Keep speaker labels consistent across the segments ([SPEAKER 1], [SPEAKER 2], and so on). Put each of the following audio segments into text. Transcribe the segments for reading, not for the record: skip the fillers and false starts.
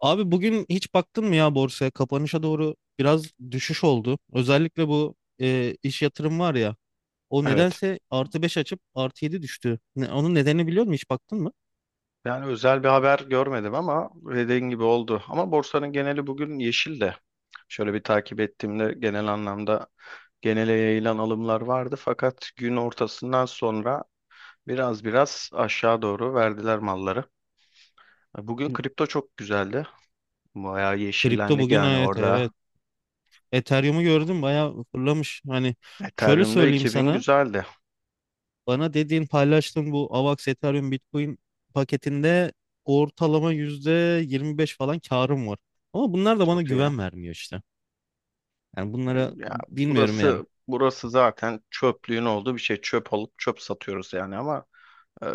[SPEAKER 1] Abi bugün hiç baktın mı ya borsaya? Kapanışa doğru biraz düşüş oldu. Özellikle bu iş yatırım var ya. O
[SPEAKER 2] Evet.
[SPEAKER 1] nedense artı 5 açıp artı 7 düştü. Onun nedenini biliyor musun? Hiç baktın mı?
[SPEAKER 2] Yani özel bir haber görmedim ama dediğin gibi oldu. Ama borsanın geneli bugün yeşil de. Şöyle bir takip ettiğimde genel anlamda genele yayılan alımlar vardı. Fakat gün ortasından sonra biraz biraz aşağı doğru verdiler malları. Bugün kripto çok güzeldi. Bayağı
[SPEAKER 1] Kripto
[SPEAKER 2] yeşillendik
[SPEAKER 1] bugün,
[SPEAKER 2] yani
[SPEAKER 1] evet
[SPEAKER 2] orada.
[SPEAKER 1] evet. Ethereum'u gördüm bayağı fırlamış. Hani şöyle
[SPEAKER 2] Ethereum'da
[SPEAKER 1] söyleyeyim
[SPEAKER 2] 2000
[SPEAKER 1] sana.
[SPEAKER 2] güzeldi.
[SPEAKER 1] Bana dediğin paylaştığın bu AVAX, Ethereum, Bitcoin paketinde ortalama %25 falan karım var. Ama bunlar da bana
[SPEAKER 2] Çok iyi.
[SPEAKER 1] güven vermiyor işte. Yani bunlara
[SPEAKER 2] Ya
[SPEAKER 1] bilmiyorum yani.
[SPEAKER 2] burası zaten çöplüğün olduğu bir şey. Çöp alıp çöp satıyoruz yani ama Ee,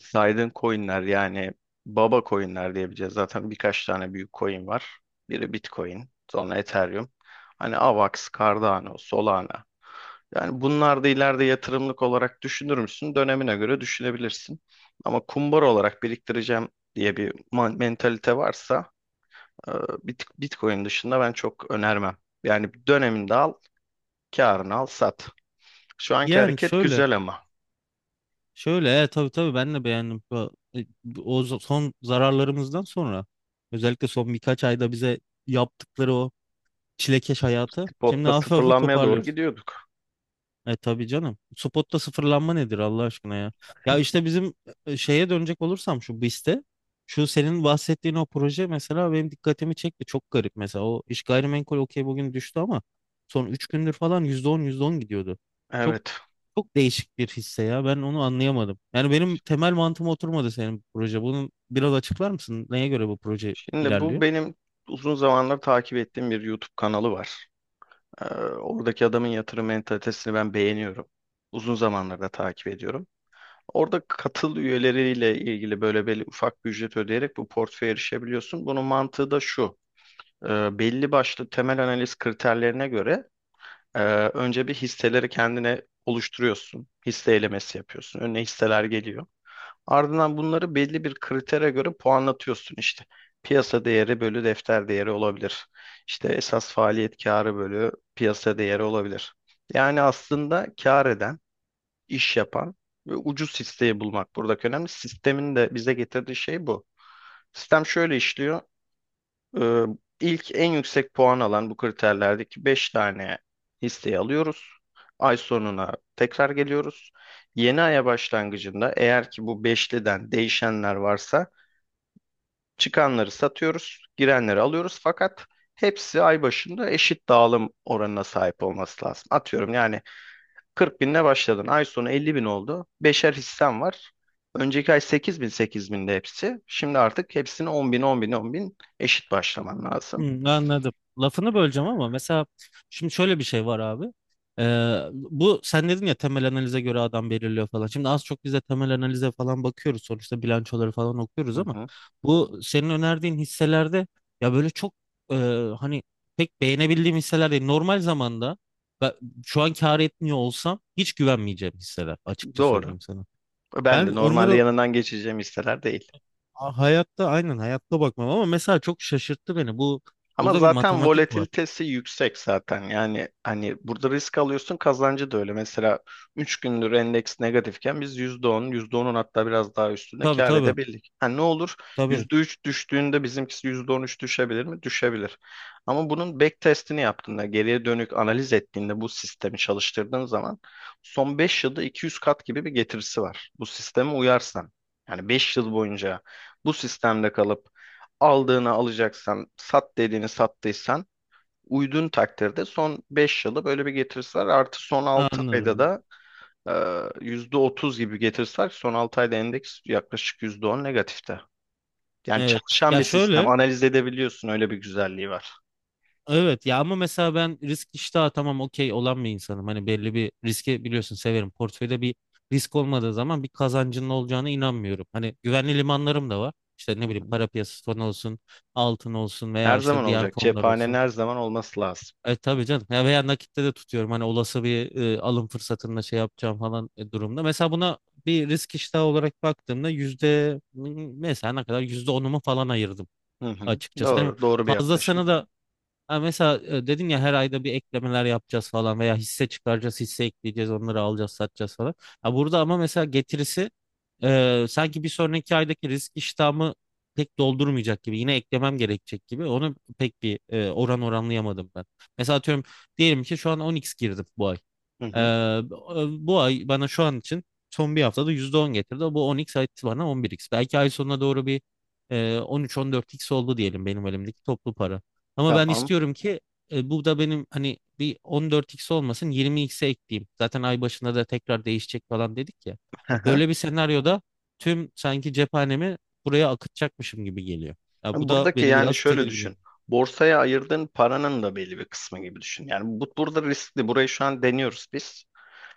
[SPEAKER 2] saydığın coinler yani baba coinler diyebileceğiz. Zaten birkaç tane büyük coin var. Biri Bitcoin, sonra Ethereum. Hani AVAX, Cardano, Solana. Yani bunlar da ileride yatırımlık olarak düşünür müsün? Dönemine göre düşünebilirsin. Ama kumbar olarak biriktireceğim diye bir mentalite varsa e, Bitcoin dışında ben çok önermem. Yani döneminde al, karını al, sat. Şu anki
[SPEAKER 1] Yani,
[SPEAKER 2] hareket
[SPEAKER 1] şöyle
[SPEAKER 2] güzel ama.
[SPEAKER 1] Şöyle tabii tabii, ben de beğendim. Son zararlarımızdan sonra özellikle son birkaç ayda bize yaptıkları o çilekeş hayatı şimdi
[SPEAKER 2] Spot'ta
[SPEAKER 1] hafif hafif
[SPEAKER 2] sıfırlanmaya doğru
[SPEAKER 1] toparlıyoruz.
[SPEAKER 2] gidiyorduk.
[SPEAKER 1] E tabii canım. Spotta sıfırlanma nedir Allah aşkına ya? Ya işte bizim, şeye dönecek olursam şu BIST'e, şu senin bahsettiğin o proje mesela benim dikkatimi çekti. Çok garip, mesela o iş gayrimenkul okey, bugün düştü ama son 3 gündür falan yüzde on, yüzde on gidiyordu. Çok
[SPEAKER 2] Evet.
[SPEAKER 1] çok değişik bir hisse ya. Ben onu anlayamadım. Yani benim temel mantığıma oturmadı senin proje. Bunu biraz açıklar mısın? Neye göre bu proje
[SPEAKER 2] Şimdi bu
[SPEAKER 1] ilerliyor?
[SPEAKER 2] benim uzun zamanlar takip ettiğim bir YouTube kanalı var. Oradaki adamın yatırım mentalitesini ben beğeniyorum. Uzun zamandır da takip ediyorum. Orada katıl üyeleriyle ilgili böyle belli ufak bir ücret ödeyerek bu portföye erişebiliyorsun. Bunun mantığı da şu. Belli başlı temel analiz kriterlerine göre e, önce bir hisseleri kendine oluşturuyorsun. Hisse elemesi yapıyorsun. Önüne hisseler geliyor. Ardından bunları belli bir kritere göre puanlatıyorsun işte. Piyasa değeri bölü defter değeri olabilir. İşte esas faaliyet karı bölü piyasa değeri olabilir. Yani aslında kar eden, iş yapan ve ucuz hisseyi bulmak buradaki önemli. Sistemin de bize getirdiği şey bu. Sistem şöyle işliyor. Ee, ilk en yüksek puan alan bu kriterlerdeki 5 tane listeyi alıyoruz. Ay sonuna tekrar geliyoruz. Yeni aya başlangıcında eğer ki bu beşliden değişenler varsa çıkanları satıyoruz, girenleri alıyoruz. Fakat hepsi ay başında eşit dağılım oranına sahip olması lazım. Atıyorum yani 40 binle başladın. Ay sonu 50 bin oldu. Beşer hissen var. Önceki ay 8 bin 8 binde hepsi. Şimdi artık hepsini 10 bin 10 bin 10 bin eşit başlaman lazım.
[SPEAKER 1] Hmm, anladım. Lafını böleceğim ama mesela şimdi şöyle bir şey var abi. Bu sen dedin ya, temel analize göre adam belirliyor falan. Şimdi az çok biz de temel analize falan bakıyoruz. Sonuçta bilançoları falan okuyoruz
[SPEAKER 2] Hı
[SPEAKER 1] ama
[SPEAKER 2] hı.
[SPEAKER 1] bu senin önerdiğin hisselerde ya böyle çok, e, hani pek beğenebildiğim hisseler değil. Normal zamanda ben şu an kâr etmiyor olsam hiç güvenmeyeceğim hisseler, açıkça
[SPEAKER 2] Doğru.
[SPEAKER 1] söyleyeyim sana.
[SPEAKER 2] Ben
[SPEAKER 1] Ben
[SPEAKER 2] de normalde
[SPEAKER 1] onları
[SPEAKER 2] yanından geçeceğim hisseler değil.
[SPEAKER 1] hayatta, aynen hayatta bakmam, ama mesela çok şaşırttı beni.
[SPEAKER 2] Ama
[SPEAKER 1] Burada bir
[SPEAKER 2] zaten
[SPEAKER 1] matematik var.
[SPEAKER 2] volatilitesi yüksek zaten. Yani hani burada risk alıyorsun kazancı da öyle. Mesela 3 gündür endeks negatifken biz %10 yüzde onun hatta biraz daha üstünde
[SPEAKER 1] Tabii
[SPEAKER 2] kâr
[SPEAKER 1] tabii.
[SPEAKER 2] edebildik. Ha ne olur?
[SPEAKER 1] Tabii.
[SPEAKER 2] %3 düştüğünde bizimkisi %13 düşebilir mi? Düşebilir. Ama bunun back testini yaptığında, geriye dönük analiz ettiğinde bu sistemi çalıştırdığın zaman son 5 yılda 200 kat gibi bir getirisi var. Bu sisteme uyarsan. Yani 5 yıl boyunca bu sistemde kalıp aldığını alacaksan, sat dediğini sattıysan uydun takdirde son 5 yılı böyle bir getirisi var. Artı son 6 ayda
[SPEAKER 1] Anladım.
[SPEAKER 2] da e, %30 gibi getirisi var. Son 6 ayda endeks yaklaşık %10 negatifte. Yani
[SPEAKER 1] Evet.
[SPEAKER 2] çalışan
[SPEAKER 1] Ya
[SPEAKER 2] bir sistem.
[SPEAKER 1] şöyle.
[SPEAKER 2] Analiz edebiliyorsun. Öyle bir güzelliği var.
[SPEAKER 1] Evet ya, ama mesela ben risk iştahı tamam, okey olan bir insanım. Hani belli bir riski biliyorsun severim. Portföyde bir risk olmadığı zaman bir kazancının olacağına inanmıyorum. Hani güvenli limanlarım da var. İşte ne
[SPEAKER 2] Hı
[SPEAKER 1] bileyim,
[SPEAKER 2] hı.
[SPEAKER 1] para piyasası fonu olsun, altın olsun veya
[SPEAKER 2] Her zaman
[SPEAKER 1] işte diğer
[SPEAKER 2] olacak.
[SPEAKER 1] fonlar
[SPEAKER 2] Cephanenin
[SPEAKER 1] olsun.
[SPEAKER 2] her zaman olması lazım.
[SPEAKER 1] E tabii canım. Ya veya nakitte de tutuyorum. Hani olası bir alım fırsatında şey yapacağım falan durumda. Mesela buna bir risk iştahı olarak baktığımda yüzde mesela ne kadar, yüzde onumu falan ayırdım
[SPEAKER 2] Hı hı.
[SPEAKER 1] açıkçası. Hani
[SPEAKER 2] Doğru. Doğru bir yaklaşım.
[SPEAKER 1] fazlasını da, ha mesela dedin ya, her ayda bir eklemeler yapacağız falan veya hisse çıkaracağız, hisse ekleyeceğiz, onları alacağız, satacağız falan. Ha burada ama mesela getirisi sanki bir sonraki aydaki risk iştahımı pek doldurmayacak gibi. Yine eklemem gerekecek gibi. Onu pek bir oranlayamadım ben. Mesela atıyorum, diyelim ki şu an 10x girdim bu ay.
[SPEAKER 2] Hı
[SPEAKER 1] Ee,
[SPEAKER 2] hı.
[SPEAKER 1] Bu ay bana şu an için son bir haftada %10 getirdi. Bu on x etti bana, on bir x. Belki ay sonuna doğru bir on üç, on dört x oldu diyelim benim elimdeki toplu para. Ama ben
[SPEAKER 2] Tamam.
[SPEAKER 1] istiyorum ki bu da benim hani bir on dört x olmasın, yirmi xe ekleyeyim. Zaten ay başında da tekrar değişecek falan dedik ya. Böyle bir senaryoda tüm sanki cephanemi buraya akıtacakmışım gibi geliyor. Ya bu
[SPEAKER 2] Yani
[SPEAKER 1] da
[SPEAKER 2] buradaki
[SPEAKER 1] beni
[SPEAKER 2] yani
[SPEAKER 1] biraz
[SPEAKER 2] şöyle
[SPEAKER 1] tedirgin
[SPEAKER 2] düşün.
[SPEAKER 1] ediyor.
[SPEAKER 2] Borsaya ayırdığın paranın da belli bir kısmı gibi düşün. Yani bu burada riskli. Burayı şu an deniyoruz biz.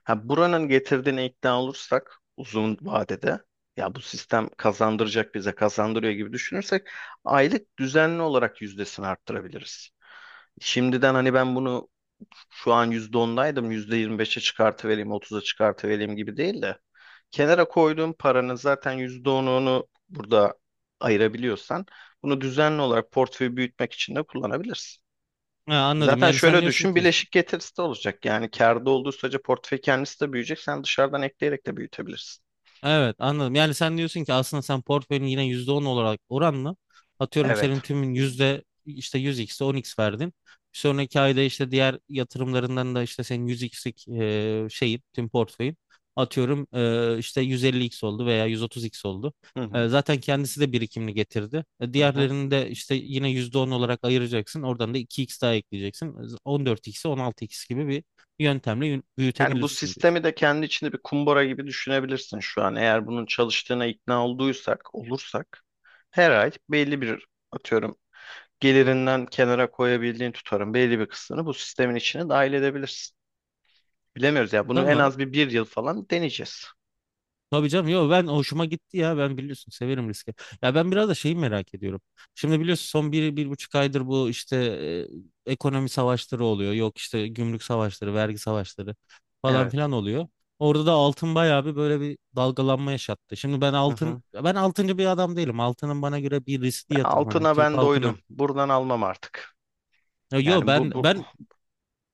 [SPEAKER 2] Ha, buranın getirdiğine ikna olursak uzun vadede ya bu sistem kazandıracak bize kazandırıyor gibi düşünürsek aylık düzenli olarak yüzdesini arttırabiliriz. Şimdiden hani ben bunu şu an %10'daydım, %25'e çıkartıvereyim, 30'a çıkartıvereyim gibi değil de kenara koyduğun paranın zaten %10'unu burada ayırabiliyorsan bunu düzenli olarak portföyü büyütmek için de kullanabilirsin.
[SPEAKER 1] Ha, anladım.
[SPEAKER 2] Zaten
[SPEAKER 1] Yani sen
[SPEAKER 2] şöyle
[SPEAKER 1] diyorsun
[SPEAKER 2] düşün,
[SPEAKER 1] ki
[SPEAKER 2] bileşik getirisi de olacak. Yani kârda olduğu sürece portföy kendisi de büyüyecek. Sen dışarıdan ekleyerek de büyütebilirsin.
[SPEAKER 1] Evet, anladım. Yani sen diyorsun ki aslında sen portföyün yine %10 olarak oranla, atıyorum senin
[SPEAKER 2] Evet.
[SPEAKER 1] tümün yüzde işte 100x'e on x verdin. Bir sonraki ayda işte diğer yatırımlarından da işte senin yüz xlik şeyin tüm portföyün, atıyorum işte yüz elli x oldu veya yüz otuz x oldu.
[SPEAKER 2] Hı hı,
[SPEAKER 1] Zaten kendisi de birikimini getirdi.
[SPEAKER 2] hı hı.
[SPEAKER 1] Diğerlerini de işte yine %10 olarak ayıracaksın. Oradan da iki x daha ekleyeceksin. 14, on altı x gibi bir yöntemle
[SPEAKER 2] Yani bu
[SPEAKER 1] büyütebilirsin diyorsun.
[SPEAKER 2] sistemi de kendi içinde bir kumbara gibi düşünebilirsin şu an. Eğer bunun çalıştığına ikna olduysak, olursak her ay belli bir atıyorum gelirinden kenara koyabildiğin tutarın belli bir kısmını bu sistemin içine dahil edebilirsin. Bilemiyoruz ya. Bunu en
[SPEAKER 1] Tamam.
[SPEAKER 2] az bir yıl falan deneyeceğiz.
[SPEAKER 1] Tabii canım, yok ben hoşuma gitti ya, ben biliyorsun severim riski. Ya ben biraz da şeyi merak ediyorum. Şimdi biliyorsun son bir, bir buçuk aydır bu işte ekonomi savaşları oluyor. Yok işte, gümrük savaşları, vergi savaşları falan
[SPEAKER 2] Evet.
[SPEAKER 1] filan oluyor. Orada da altın bayağı bir böyle bir dalgalanma yaşattı. Şimdi
[SPEAKER 2] Hı hı.
[SPEAKER 1] ben altıncı bir adam değilim. Altının bana göre bir
[SPEAKER 2] Ve
[SPEAKER 1] riskli yatırım, hani
[SPEAKER 2] altına
[SPEAKER 1] Türk
[SPEAKER 2] ben
[SPEAKER 1] halkına.
[SPEAKER 2] doydum. Buradan almam artık.
[SPEAKER 1] Ya yo,
[SPEAKER 2] Yani
[SPEAKER 1] ben
[SPEAKER 2] bu
[SPEAKER 1] ben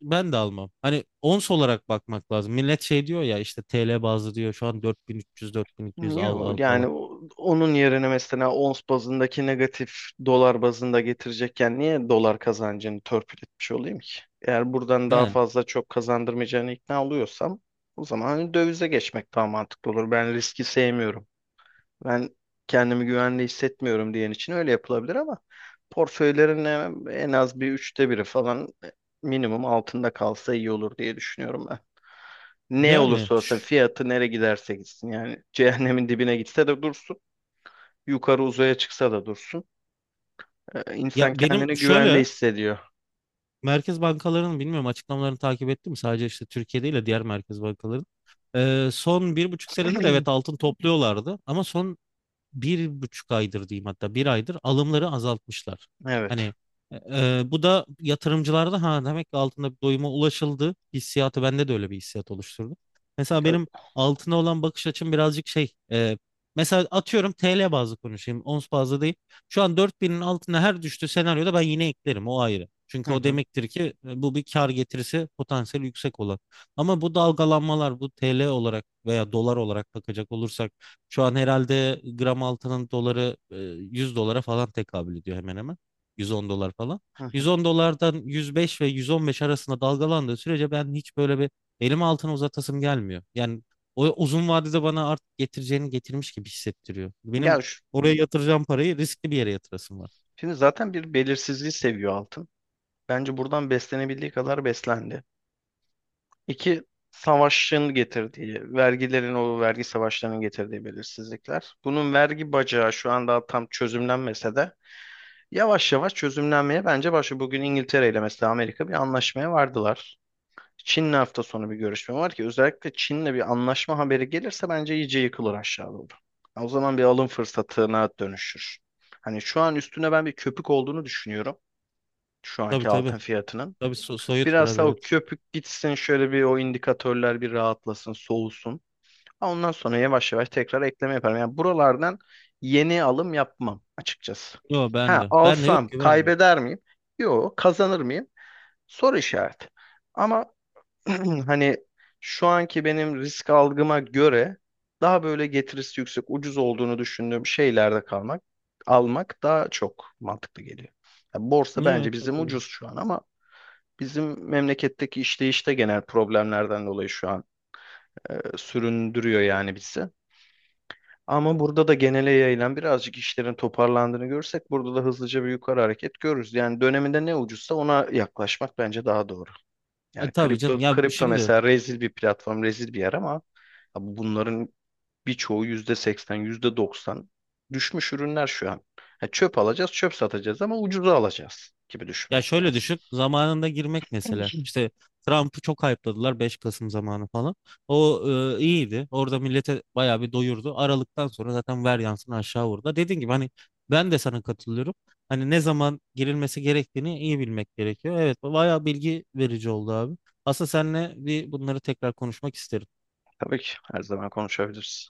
[SPEAKER 1] ben de almam. Hani ons olarak bakmak lazım. Millet şey diyor ya, işte TL bazlı diyor, şu an 4300, 4200 al al
[SPEAKER 2] yok yani
[SPEAKER 1] falan.
[SPEAKER 2] onun yerine mesela ons bazındaki negatif dolar bazında getirecekken niye dolar kazancını törpületmiş olayım ki? Eğer buradan daha
[SPEAKER 1] Yani.
[SPEAKER 2] fazla çok kazandırmayacağını ikna oluyorsam o zaman hani dövize geçmek daha mantıklı olur. Ben riski sevmiyorum. Ben kendimi güvende hissetmiyorum diyen için öyle yapılabilir ama portföylerin en az bir üçte biri falan minimum altında kalsa iyi olur diye düşünüyorum ben. Ne
[SPEAKER 1] Yani
[SPEAKER 2] olursa olsun
[SPEAKER 1] ş-
[SPEAKER 2] fiyatı nereye giderse gitsin yani cehennemin dibine gitse de dursun. Yukarı uzaya çıksa da dursun.
[SPEAKER 1] ya
[SPEAKER 2] İnsan
[SPEAKER 1] benim
[SPEAKER 2] kendini güvende
[SPEAKER 1] şöyle,
[SPEAKER 2] hissediyor.
[SPEAKER 1] merkez bankalarının bilmiyorum açıklamalarını takip ettim sadece, işte Türkiye değil de diğer merkez bankaların. Son bir buçuk senedir evet altın topluyorlardı, ama son bir buçuk aydır diyeyim, hatta bir aydır alımları azaltmışlar.
[SPEAKER 2] Evet.
[SPEAKER 1] Hani, e, bu da yatırımcılarda, ha demek ki altında bir doyuma ulaşıldı hissiyatı, bende de öyle bir hissiyat oluşturdu. Mesela
[SPEAKER 2] Ya-
[SPEAKER 1] benim altına olan bakış açım birazcık şey, mesela atıyorum TL bazlı konuşayım, ons bazlı değil. Şu an 4.000'in altına her düştüğü senaryoda ben yine eklerim, o ayrı. Çünkü
[SPEAKER 2] Hı
[SPEAKER 1] o
[SPEAKER 2] hı,
[SPEAKER 1] demektir ki bu bir kar getirisi potansiyeli yüksek olan. Ama bu dalgalanmalar, bu TL olarak veya dolar olarak bakacak olursak, şu an herhalde gram altının doları 100 dolara falan tekabül ediyor hemen hemen. 110 dolar falan.
[SPEAKER 2] hı
[SPEAKER 1] yüz
[SPEAKER 2] hı.
[SPEAKER 1] on dolardan 105 ve 115 arasında dalgalandığı sürece ben hiç böyle bir elimi altına uzatasım gelmiyor. Yani o uzun vadede bana artık getireceğini getirmiş gibi hissettiriyor.
[SPEAKER 2] Ya
[SPEAKER 1] Benim
[SPEAKER 2] şu-
[SPEAKER 1] oraya yatıracağım parayı riskli bir yere yatırasım var.
[SPEAKER 2] Şimdi zaten bir belirsizliği seviyor altın. Bence buradan beslenebildiği kadar beslendi. İki, savaşın getirdiği, vergilerin o vergi savaşlarının getirdiği belirsizlikler. Bunun vergi bacağı şu an daha tam çözümlenmese de yavaş yavaş çözümlenmeye bence başlıyor. Bugün İngiltere ile mesela Amerika bir anlaşmaya vardılar. Çin'le hafta sonu bir görüşme var ki özellikle Çin'le bir anlaşma haberi gelirse bence iyice yıkılır aşağı doğru. O zaman bir alım fırsatına dönüşür. Hani şu an üstüne ben bir köpük olduğunu düşünüyorum şu
[SPEAKER 1] Tabii
[SPEAKER 2] anki
[SPEAKER 1] tabii.
[SPEAKER 2] altın fiyatının.
[SPEAKER 1] Tabii, soyut
[SPEAKER 2] Biraz
[SPEAKER 1] biraz,
[SPEAKER 2] daha o
[SPEAKER 1] evet.
[SPEAKER 2] köpük gitsin şöyle bir o indikatörler bir rahatlasın, soğusun. Ha, ondan sonra yavaş yavaş tekrar ekleme yaparım. Yani buralardan yeni alım yapmam açıkçası.
[SPEAKER 1] Yok ben
[SPEAKER 2] Ha
[SPEAKER 1] de. Ben de yok,
[SPEAKER 2] alsam
[SPEAKER 1] güvenmiyorum.
[SPEAKER 2] kaybeder miyim? Yok, kazanır mıyım? Soru işareti. Ama hani şu anki benim risk algıma göre daha böyle getirisi yüksek, ucuz olduğunu düşündüğüm şeylerde kalmak, almak daha çok mantıklı geliyor. Ya borsa
[SPEAKER 1] Niye
[SPEAKER 2] bence bizim ucuz
[SPEAKER 1] katıldım?
[SPEAKER 2] şu an ama bizim memleketteki işleyişte genel problemlerden dolayı şu an süründürüyor yani bizi. Ama burada da genele yayılan birazcık işlerin toparlandığını görsek burada da hızlıca bir yukarı hareket görürüz. Yani döneminde ne ucuzsa ona yaklaşmak bence daha doğru. Yani
[SPEAKER 1] Tabii
[SPEAKER 2] kripto
[SPEAKER 1] canım ya
[SPEAKER 2] kripto
[SPEAKER 1] şimdi.
[SPEAKER 2] mesela rezil bir platform, rezil bir yer ama abi bunların birçoğu %80, yüzde doksan düşmüş ürünler şu an. Ha, çöp alacağız, çöp satacağız ama ucuza alacağız gibi
[SPEAKER 1] Ya
[SPEAKER 2] düşünmek
[SPEAKER 1] şöyle
[SPEAKER 2] lazım.
[SPEAKER 1] düşün, zamanında girmek mesela. İşte Trump'ı çok hype'ladılar, 5 Kasım zamanı falan. O, iyiydi. Orada millete bayağı bir doyurdu. Aralıktan sonra zaten ver yansın aşağı vurdu. Dediğim gibi, hani ben de sana katılıyorum. Hani ne zaman girilmesi gerektiğini iyi bilmek gerekiyor. Evet, bayağı bilgi verici oldu abi. Aslında seninle bir bunları tekrar konuşmak isterim.
[SPEAKER 2] Tabii ki her zaman konuşabiliriz.